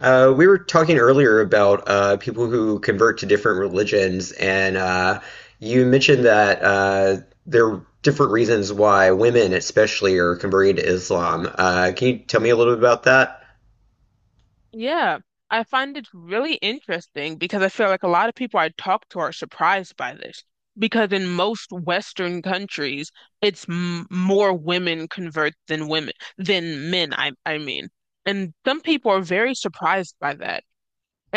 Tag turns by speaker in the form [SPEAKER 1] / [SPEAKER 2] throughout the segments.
[SPEAKER 1] We were talking earlier about people who convert to different religions, and you mentioned that there are different reasons why women, especially, are converting to Islam. Can you tell me a little bit about that?
[SPEAKER 2] Yeah, I find it really interesting because I feel like a lot of people I talk to are surprised by this. Because in most Western countries, it's m more women convert than men, I mean. And some people are very surprised by that.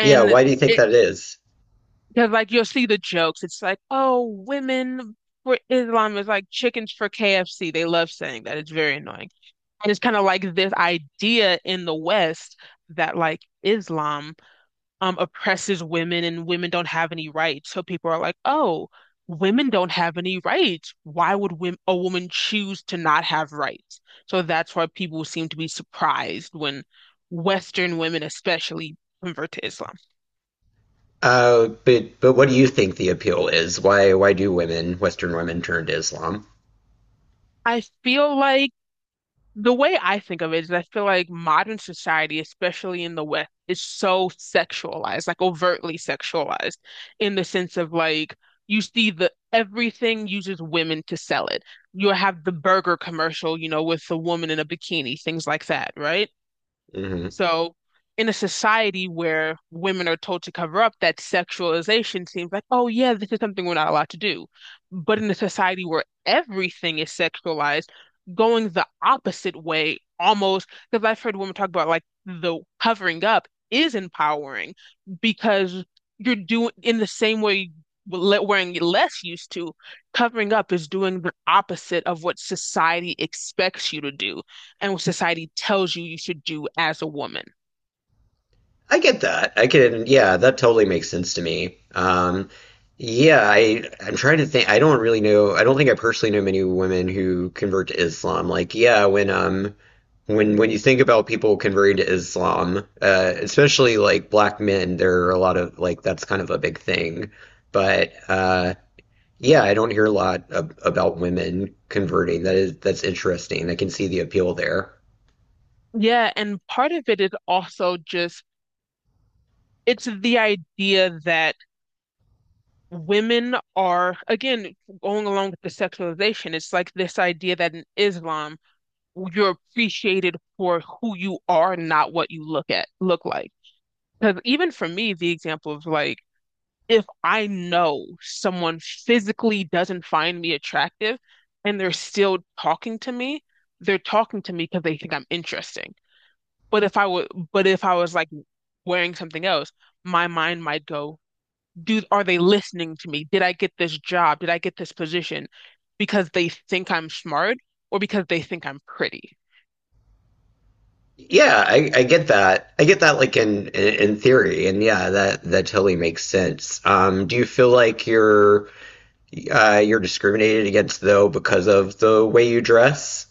[SPEAKER 1] Yeah, why do you think
[SPEAKER 2] it
[SPEAKER 1] that is?
[SPEAKER 2] because like you'll see the jokes, it's like, "Oh, women for Islam is like chickens for KFC." They love saying that. It's very annoying. And it's kind of like this idea in the West that like Islam oppresses women and women don't have any rights. So people are like, oh, women don't have any rights. Why would wom a woman choose to not have rights? So that's why people seem to be surprised when Western women especially convert to Islam.
[SPEAKER 1] But what do you think the appeal is? Why do women, Western women, turn to Islam?
[SPEAKER 2] I feel like The way I think of it is I feel like modern society, especially in the West, is so sexualized, like overtly sexualized, in the sense of like you see the everything uses women to sell it. You have the burger commercial, with the woman in a bikini, things like that, right?
[SPEAKER 1] Mm-hmm.
[SPEAKER 2] So, in a society where women are told to cover up, that sexualization seems like, oh, yeah, this is something we're not allowed to do. But in a society where everything is sexualized, going the opposite way almost, because I've heard women talk about like the covering up is empowering because you're doing in the same way. Wearing less used to, covering up is doing the opposite of what society expects you to do and what society tells you should do as a woman.
[SPEAKER 1] I get that. I can, yeah, that totally makes sense to me. Yeah, I'm trying to think. I don't really know. I don't think I personally know many women who convert to Islam. Like, yeah, when when you think about people converting to Islam, especially like black men, there are a lot of like that's kind of a big thing. But yeah, I don't hear a lot ab about women converting. That is that's interesting. I can see the appeal there.
[SPEAKER 2] Yeah, and part of it is also just it's the idea that women are again going along with the sexualization. It's like this idea that in Islam you're appreciated for who you are, not what you look like. Because even for me, the example of like if I know someone physically doesn't find me attractive and they're still talking to me, they're talking to me because they think I'm interesting. But if I was like wearing something else, my mind might go, are they listening to me? Did I get this job? Did I get this position because they think I'm smart or because they think I'm pretty?
[SPEAKER 1] Yeah, I get that. I get that, like in theory, and yeah, that totally makes sense. Do you feel like you're discriminated against though because of the way you dress?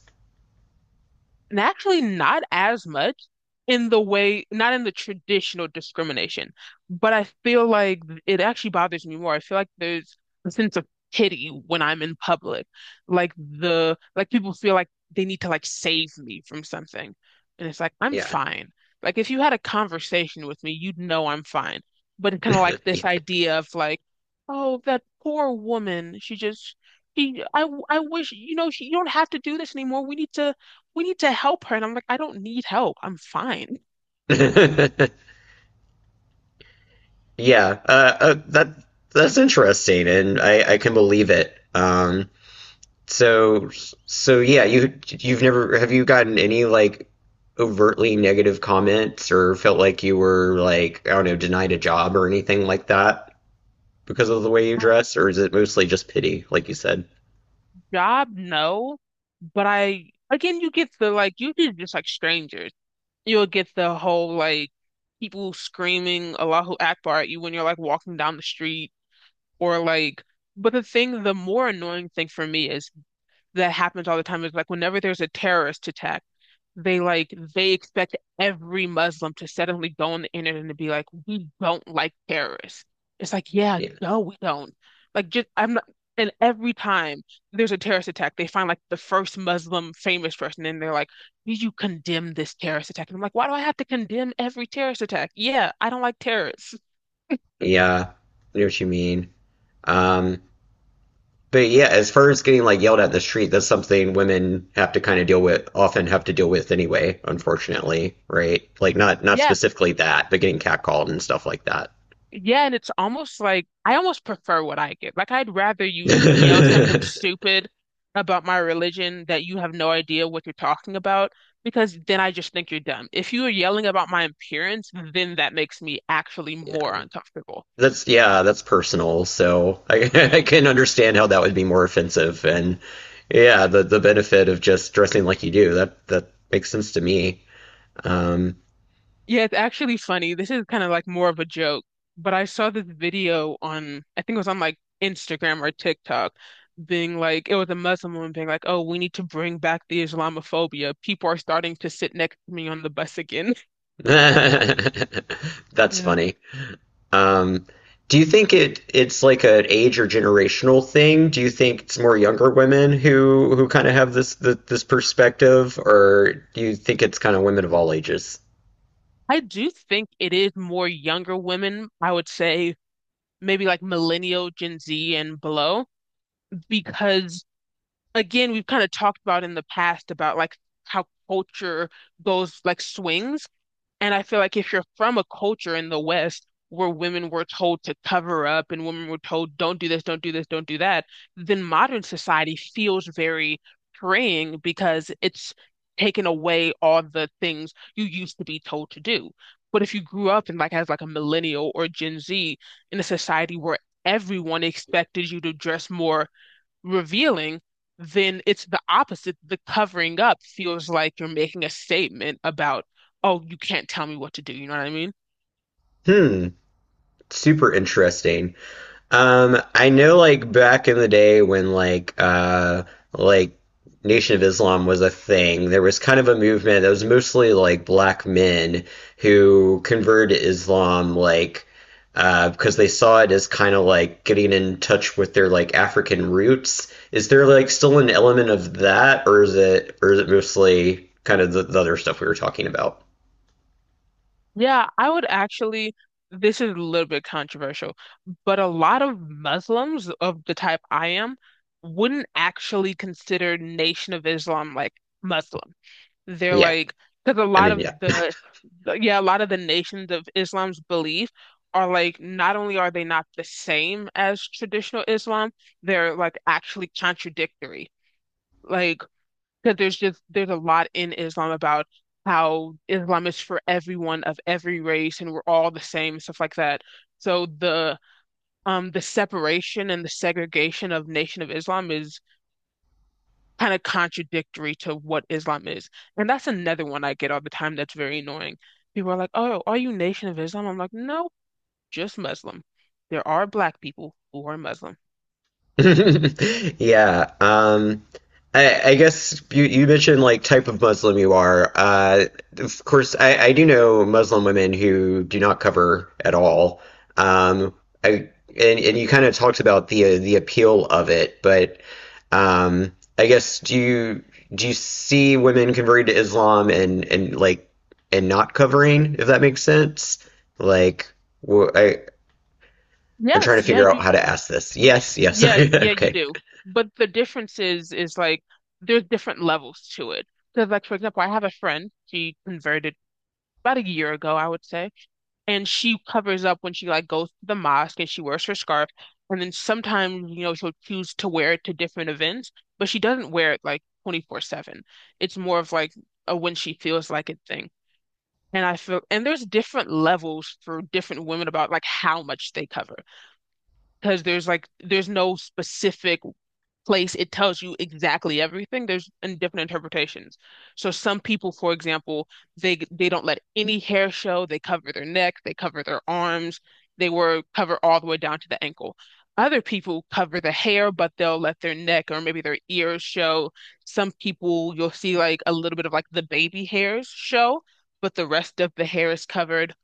[SPEAKER 2] And actually, not as much not in the traditional discrimination, but I feel like it actually bothers me more. I feel like there's a sense of pity when I'm in public. Like like people feel like they need to like save me from something. And it's like, I'm
[SPEAKER 1] Yeah,
[SPEAKER 2] fine. Like if you had a conversation with me, you'd know I'm fine. But it's kind of like this
[SPEAKER 1] yeah.
[SPEAKER 2] idea of like, oh, that poor woman, she just, she, I wish, you don't have to do this anymore. We need to help her. And I'm like, I don't need help. I'm fine.
[SPEAKER 1] Uh, that that's interesting, and I can believe it. So so yeah, you've never, have you gotten any like overtly negative comments or felt like you were like, I don't know, denied a job or anything like that? Because of the way you
[SPEAKER 2] Yeah.
[SPEAKER 1] dress, or is it mostly just pity, like you said?
[SPEAKER 2] Job, no. But I, again, you get the like, you get just like strangers. You'll get the whole like people screaming Allahu Akbar at you when you're like walking down the street or like, but the more annoying thing for me is that happens all the time is like whenever there's a terrorist attack. They expect every Muslim to suddenly go on the internet and be like, we don't like terrorists. It's like, yeah,
[SPEAKER 1] Yeah,
[SPEAKER 2] no, we don't. Like just I'm not and Every time there's a terrorist attack, they find like the first Muslim famous person and they're like, did you condemn this terrorist attack? And I'm like, why do I have to condemn every terrorist attack? Yeah, I don't like terrorists.
[SPEAKER 1] yeah, I know what you mean. Um, but yeah, as far as getting like yelled at in the street, that's something women have to kind of deal with, often have to deal with anyway, unfortunately, right? Like not
[SPEAKER 2] Yeah,
[SPEAKER 1] specifically that, but getting catcalled and stuff like that.
[SPEAKER 2] yeah, and it's almost like I almost prefer what I get. Like I'd rather you yell something
[SPEAKER 1] yeah,
[SPEAKER 2] stupid about my religion that you have no idea what you're talking about because then I just think you're dumb. If you are yelling about my appearance, then that makes me actually more uncomfortable.
[SPEAKER 1] that's yeah, that's personal. So I, I can understand how that would be more offensive, and yeah, the benefit of just dressing like you do, that makes sense to me. Um,
[SPEAKER 2] Yeah, it's actually funny. This is kind of like more of a joke, but I saw this video I think it was on like Instagram or TikTok, being like, it was a Muslim woman being like, oh, we need to bring back the Islamophobia. People are starting to sit next to me on the bus again.
[SPEAKER 1] that's
[SPEAKER 2] Yeah.
[SPEAKER 1] funny. Um, do you think it's like an age or generational thing? Do you think it's more younger women who kind of have this perspective, or do you think it's kind of women of all ages?
[SPEAKER 2] I do think it is more younger women, I would say maybe like millennial, Gen Z and below, because again, we've kind of talked about in the past about like how culture goes like swings. And I feel like if you're from a culture in the West where women were told to cover up and women were told, don't do this, don't do this, don't do that, then modern society feels very freeing because it's taken away all the things you used to be told to do. But if you grew up in like as like a millennial or Gen Z in a society where everyone expected you to dress more revealing, then it's the opposite. The covering up feels like you're making a statement about, oh, you can't tell me what to do. You know what I mean?
[SPEAKER 1] Hmm, super interesting. I know like back in the day when like like Nation of Islam was a thing, there was kind of a movement that was mostly like black men who converted to Islam because they saw it as kind of like getting in touch with their like African roots. Is there like still an element of that, or is it mostly kind of the other stuff we were talking about?
[SPEAKER 2] Yeah, This is a little bit controversial, but a lot of Muslims of the type I am wouldn't actually consider Nation of Islam like Muslim. They're
[SPEAKER 1] Yeah.
[SPEAKER 2] like, because a
[SPEAKER 1] I
[SPEAKER 2] lot
[SPEAKER 1] mean,
[SPEAKER 2] of
[SPEAKER 1] yeah.
[SPEAKER 2] the yeah, a lot of the nations of Islam's belief are like not only are they not the same as traditional Islam, they're like actually contradictory. Like, because there's a lot in Islam about how Islam is for everyone of every race and we're all the same, stuff like that. So the separation and the segregation of Nation of Islam is kind of contradictory to what Islam is. And that's another one I get all the time that's very annoying. People are like, "Oh, are you Nation of Islam?" I'm like, "No, just Muslim. There are black people who are Muslim."
[SPEAKER 1] Yeah. I guess you mentioned like type of Muslim you are. Of course, I do know Muslim women who do not cover at all. Um, I and you kind of talked about the appeal of it, but I guess do you see women converting to Islam and like and not covering, if that makes sense? Like, wh- I I'm trying
[SPEAKER 2] Yes,
[SPEAKER 1] to
[SPEAKER 2] yeah,
[SPEAKER 1] figure out
[SPEAKER 2] you
[SPEAKER 1] how to ask this. Yes, yes.
[SPEAKER 2] yeah, yeah, you
[SPEAKER 1] Okay.
[SPEAKER 2] do. But the difference is like there's different levels to it. Because like for example, I have a friend, she converted about a year ago, I would say. And she covers up when she like goes to the mosque and she wears her scarf, and then sometimes you know she'll choose to wear it to different events, but she doesn't wear it like 24/7. It's more of like a when she feels like it thing, and I feel and there's different levels for different women about like how much they cover, because there's no specific place, it tells you exactly everything. There's in different interpretations. So some people, for example, they don't let any hair show. They cover their neck, they cover their arms, they were cover all the way down to the ankle. Other people cover the hair, but they'll let their neck or maybe their ears show. Some people you'll see like a little bit of like the baby hairs show, but the rest of the hair is covered.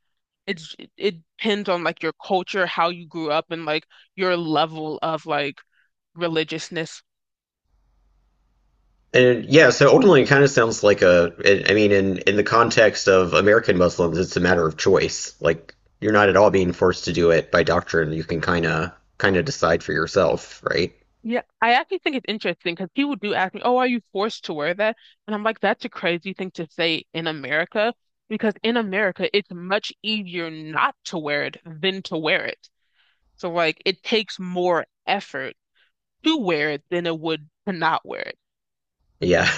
[SPEAKER 2] It depends on like your culture, how you grew up, and like your level of like religiousness.
[SPEAKER 1] And yeah, so ultimately, it kind of sounds like a. I mean, in the context of American Muslims, it's a matter of choice. Like you're not at all being forced to do it by doctrine. You can kind of decide for yourself, right?
[SPEAKER 2] Yeah, I actually think it's interesting because people do ask me, "Oh, are you forced to wear that?" And I'm like, "That's a crazy thing to say in America because in America it's much easier not to wear it than to wear it. So like it takes more effort to wear it than it would to not wear it."
[SPEAKER 1] Yeah,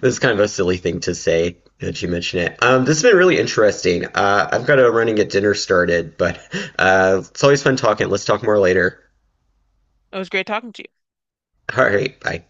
[SPEAKER 1] this is kind of a silly thing to say that you mention it. This has been really interesting. I've got a running at dinner started, but it's always fun talking. Let's talk more later.
[SPEAKER 2] It was great talking to you.
[SPEAKER 1] All right, bye.